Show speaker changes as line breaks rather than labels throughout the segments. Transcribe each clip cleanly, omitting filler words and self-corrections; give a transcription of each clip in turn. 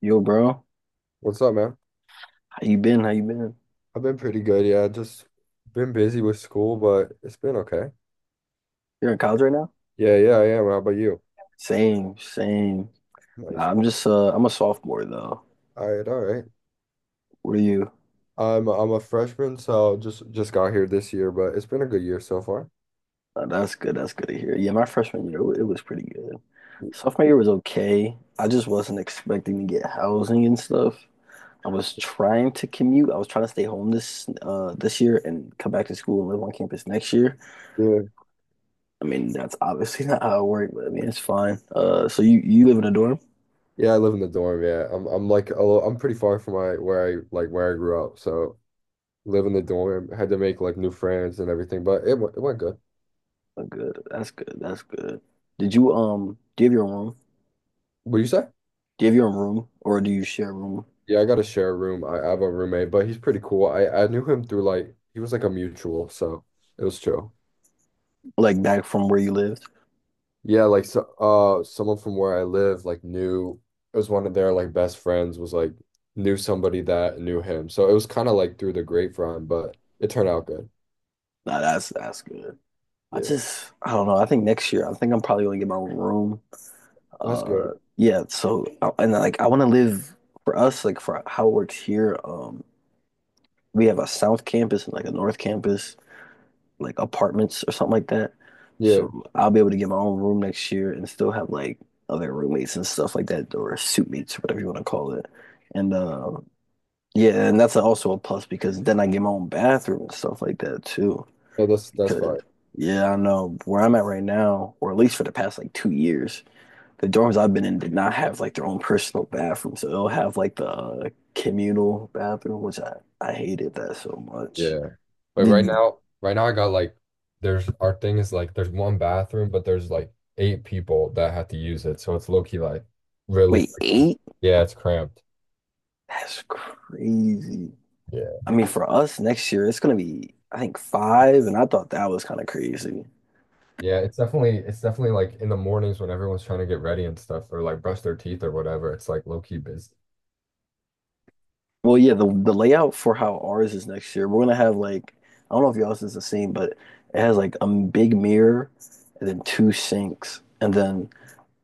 Yo, bro,
What's up, man?
how you been? How you been?
I've been pretty good, yeah. Just been busy with school, but it's been okay.
You're in college right now?
Yeah, yeah, I am. How about you?
Same, same. Nah,
Nice,
I'm
man.
just uh, I'm a sophomore though.
All right, all right.
What are you?
I'm a freshman, so just got here this year, but it's been a good year so far.
That's good. That's good to hear. Yeah, my freshman year it was pretty good. Sophomore year was okay. I just wasn't expecting to get housing and stuff. I was trying to commute. I was trying to stay home this year and come back to school and live on campus next year.
Yeah.
I mean, that's obviously not how it worked, but I mean, it's fine. So you live in a dorm?
Yeah, I live in the dorm, yeah. I'm like a little, I'm pretty far from my where I like where I grew up, so live in the dorm, had to make like new friends and everything, but it went good.
Oh, good. That's good. That's good. Did you um? Do you have your own room?
What do you say?
Do you have your own room or do you share a room
Yeah, I got to share a room. I have a roommate, but he's pretty cool. I knew him through like he was like a mutual, so it was chill.
like back from where you lived?
Yeah, like so, someone from where I live, like knew it was one of their like best friends was like knew somebody that knew him. So it was kind of like through the grapevine, but it turned out good.
Nah, that's good. I
Yeah,
just I don't know. I think next year I think I'm probably gonna get my own room.
that's
Uh,
good.
yeah. So and like I want to live for us like for how it works here. We have a south campus and like a north campus, like apartments or something like that.
Yeah,
So I'll be able to get my own room next year and still have like other roommates and stuff like that or suite mates or whatever you want to call it. And yeah, and that's also a plus because then I get my own bathroom and stuff like that too.
no, that's
Because
fine.
yeah, I know where I'm at right now, or at least for the past like 2 years, the dorms I've been in did not have like their own personal bathroom, so they'll have like the communal bathroom, which I hated that so much.
Yeah, but right
Did
now, right now I got like there's our thing is like there's one bathroom, but there's like eight people that have to use it, so it's low key like really
Wait,
like
eight?
yeah, it's cramped.
That's crazy.
Yeah.
I mean, for us next year, it's gonna be I think five, and I thought that was kind of crazy.
Yeah, it's definitely like in the mornings when everyone's trying to get ready and stuff or like brush their teeth or whatever. It's like low key busy.
Well, yeah, the layout for how ours is next year, we're gonna have like I don't know if y'all's is the same, but it has like a big mirror and then two sinks and then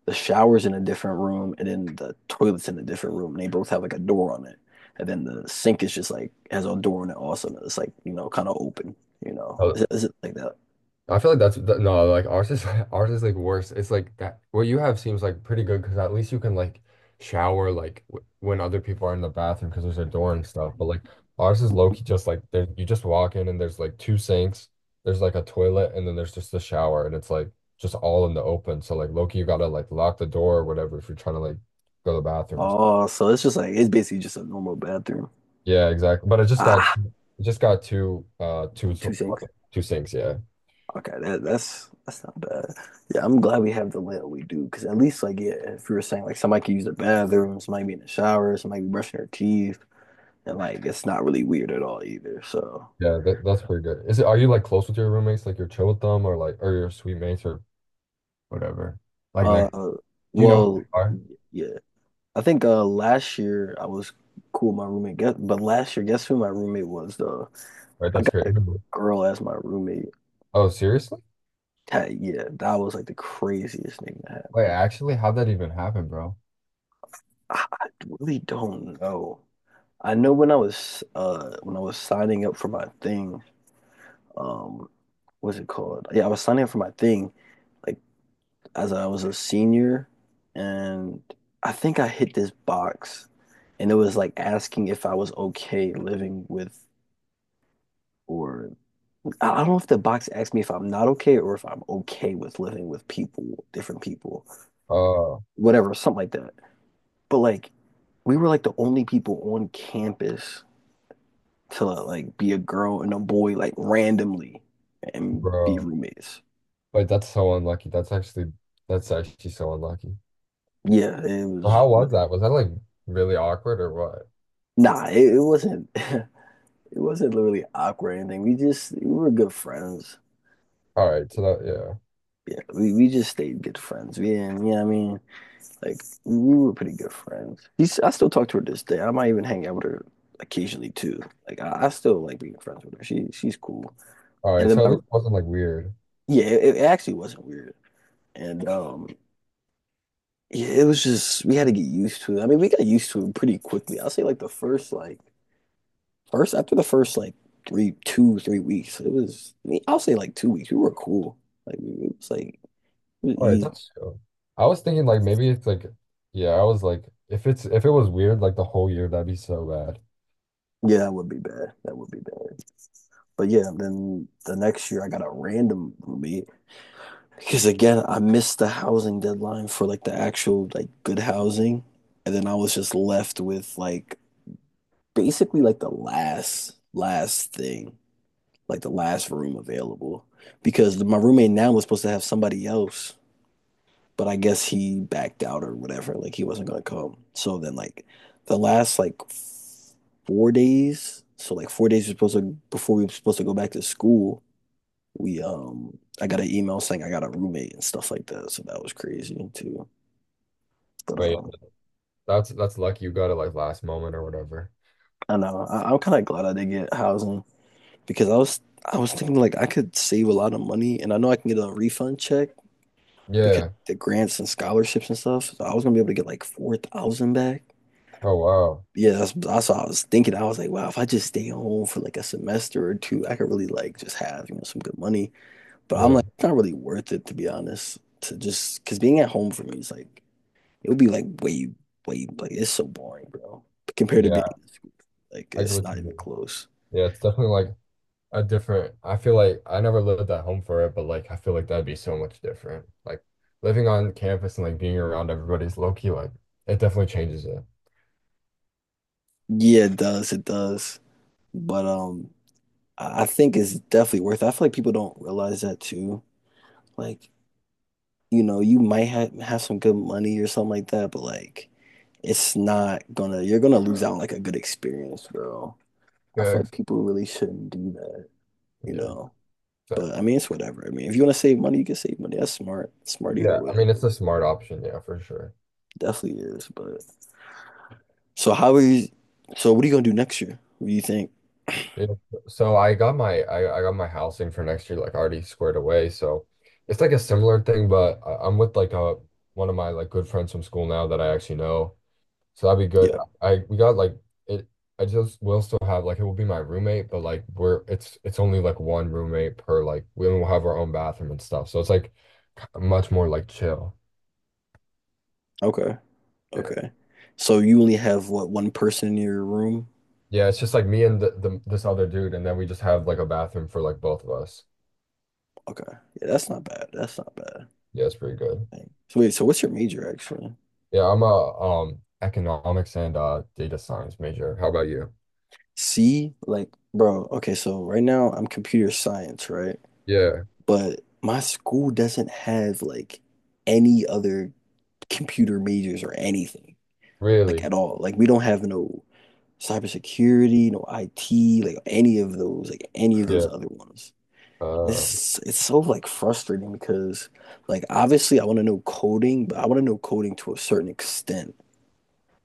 the shower's in a different room and then the toilet's in a different room and they both have like a door on it. And then the sink is just like has a door on it also and it's like, kinda open. Is
Oh,
it, is it like that?
I feel like that's no, like ours is ours is like worse. It's like that what you have seems like pretty good because at least you can like shower like w when other people are in the bathroom because there's a door and stuff. But like ours is low key just like there you just walk in and there's like two sinks, there's like a toilet and then there's just a shower and it's like just all in the open. So like low key you gotta like lock the door or whatever if you're trying to like go to the bathroom or
Oh, so it's just like it's basically just a normal bathroom.
yeah, exactly. But
Ah,
I just got two two
two sinks.
two sinks, yeah.
Okay, that's not bad. Yeah, I'm glad we have the layout we do, because at least like yeah, if you were saying like somebody could use the bathroom, somebody be in the shower, somebody be brushing their teeth, and like it's not really weird at all either. So,
Yeah, that's pretty good. Is it are you like close with your roommates, like your chill with them or like or your suite mates or whatever? Like
uh,
next do you know who they
well,
are?
yeah, I think last year I was cool with my roommate, guess, but last year guess who my roommate was though?
Right,
I
that's
got
great.
a girl as my roommate.
Oh, seriously?
That, yeah, that was like the craziest thing that
Wait,
happened.
actually, how'd that even happen, bro?
I really don't know. I know when I was signing up for my thing, um, what's it called? Yeah, I was signing up for my thing, like as I was a senior, and I think I hit this box, and it was like asking if I was okay living with, or I don't know if the box asked me if I'm not okay or if I'm okay with living with people, different people,
Oh,
whatever, something like that. But like we were like the only people on campus to like be a girl and a boy like randomly and be
bro.
roommates.
Wait, that's so unlucky. That's actually so unlucky.
Yeah, it
Well,
was
how was
really
that? Was that like really awkward or what?
nah. It wasn't. It wasn't literally awkward or anything. We were good friends.
All right, so that yeah.
Yeah, we just stayed good friends. We didn't, you know what I mean? Like, we were pretty good friends. She's, I still talk to her this day. I might even hang out with her occasionally too. Like, I still like being friends with her. She's cool.
All
And
right,
then
so at least it wasn't like weird.
yeah, it actually wasn't weird. And yeah, it was just we had to get used to it. I mean, we got used to it pretty quickly. I'll say like the first like first after the first like 3 2 3 weeks, it was I mean, I'll say like 2 weeks. We were cool. Like it was
All right,
easy.
that's cool. I was thinking like maybe it's like yeah, I was like if it's if it was weird like the whole year that'd be so bad.
Yeah, that would be bad. That would be bad. But yeah, then the next year I got a random roommate because again I missed the housing deadline for like the actual like good housing, and then I was just left with like basically like the last thing. Like the last room available because my roommate now was supposed to have somebody else, but I guess he backed out or whatever. Like he wasn't gonna come. So then like the last like 4 days, so like 4 days we're supposed to before we were supposed to go back to school, we I got an email saying I got a roommate and stuff like that. So that was crazy too. But
But yeah, that's lucky you got it like last moment or whatever.
I know I'm kind of glad I did get housing because I was thinking like I could save a lot of money and I know I can get a refund check because
Yeah.
the grants and scholarships and stuff. So I was gonna be able to get like 4,000 back.
Oh wow.
Yeah, that's what I was thinking. I was like, wow, if I just stay home for like a semester or two, I could really like just have, you know, some good money. But I'm
Yeah.
like, it's not really worth it to be honest. To just because being at home for me is like it would be like way, way like it's so boring, bro. Compared to being
Yeah.
in school, like
I get
it's
what
not
you
even
mean.
close.
Yeah, it's definitely like a different I feel like I never lived at home for it, but like I feel like that'd be so much different. Like living on campus and like being around everybody's low key like it definitely changes it.
Yeah, it does, it does. But I think it's definitely worth it. I feel like people don't realize that too. Like you know, you might have some good money or something like that, but like it's not gonna you're gonna lose out on like a good experience, bro. I
Yeah,
feel like
ex-
people really shouldn't do that, you
yeah,
know. But I
exactly.
mean it's whatever. I mean, if you wanna save money, you can save money. That's smart. Smart either
Yeah, I mean
way.
it's a smart option, yeah, for sure.
Definitely is. But so how are you so what are you gonna do next year? What do you think?
Yeah. So I got my housing for next year like already squared away. So it's like a similar thing, but I'm with like a one of my like good friends from school now that I actually know. So that'd be good.
Yeah.
I we got like it I just will still have like it will be my roommate, but like we're it's only like one roommate per like we will have our own bathroom and stuff. So it's like much more like chill.
Okay.
Yeah.
Okay. So you only have what one person in your room?
Yeah, it's just like me and the this other dude and then we just have like a bathroom for like both of us.
Okay. Yeah, that's not bad. That's not bad.
Yeah, it's pretty good.
Dang. So wait, so what's your major actually?
Yeah, I'm a economics and data science major. How about you?
See, like, bro, okay, so right now I'm computer science, right?
Yeah,
But my school doesn't have like any other computer majors or anything, like
really.
at all. Like we don't have no cybersecurity, no IT, like any of those
Yeah.
other ones.
Uh,
This It's so like frustrating because like obviously I want to know coding, but I want to know coding to a certain extent.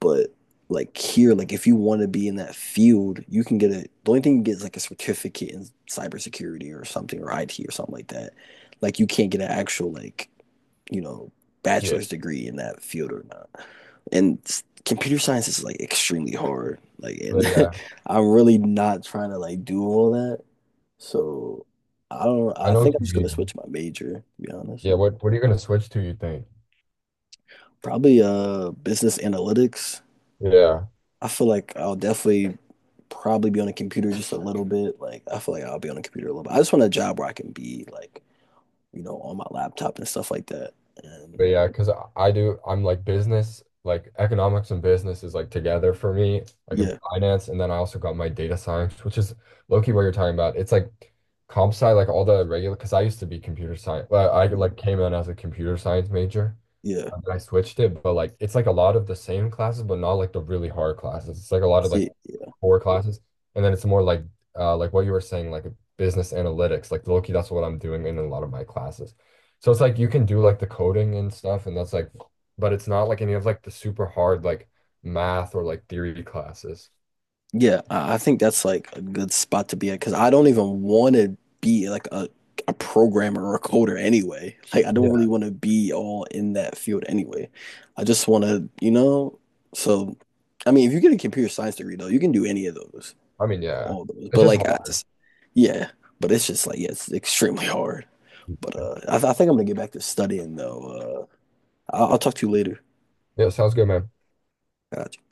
But like here, like if you want to be in that field, you can get a the only thing you get is like a certificate in cybersecurity or something or IT or something like that. Like you can't get an actual like, you know,
yeah.
bachelor's degree in that field or not. And computer science is like extremely hard. Like
But
and
yeah,
I'm really not trying to like do all that. So I don't know.
I
I
know
think
what
I'm
you
just gonna
mean.
switch my major, to be honest.
Yeah, what are you gonna switch to, you think?
Probably business analytics.
Yeah.
I feel like I'll definitely probably be on a computer just a little bit. Like I feel like I'll be on a computer a little bit. I just want a job where I can be like, you know, on my laptop and stuff like that.
But
And
yeah, because I do I'm like business, like economics and business is like together for me, like in
yeah,
finance, and then I also got my data science, which is low-key what you're talking about. It's like comp sci, like all the regular because I used to be computer science. Well, I
yeah,
like came in as a computer science major.
yeah.
And I switched it, but like it's like a lot of the same classes, but not like the really hard classes. It's like a lot of like
See, yeah,
core classes, and then it's more like what you were saying, like business analytics. Like low key, that's what I'm doing in a lot of my classes. So it's like you can do like the coding and stuff, and that's like, but it's not like any of like the super hard like math or like theory classes.
yeah. I think that's like a good spot to be at because I don't even want to be like a programmer or a coder anyway. Like I don't really
Yeah.
want to be all in that field anyway. I just want to, you know. So, I mean, if you get a computer science degree though, you can do any of those.
I mean, yeah,
All those.
it's
But
just
like I
hard.
just yeah, but it's just like yeah, it's extremely hard. But I think I'm gonna get back to studying though. I'll talk to you later.
Yeah, sounds good, man.
Gotcha.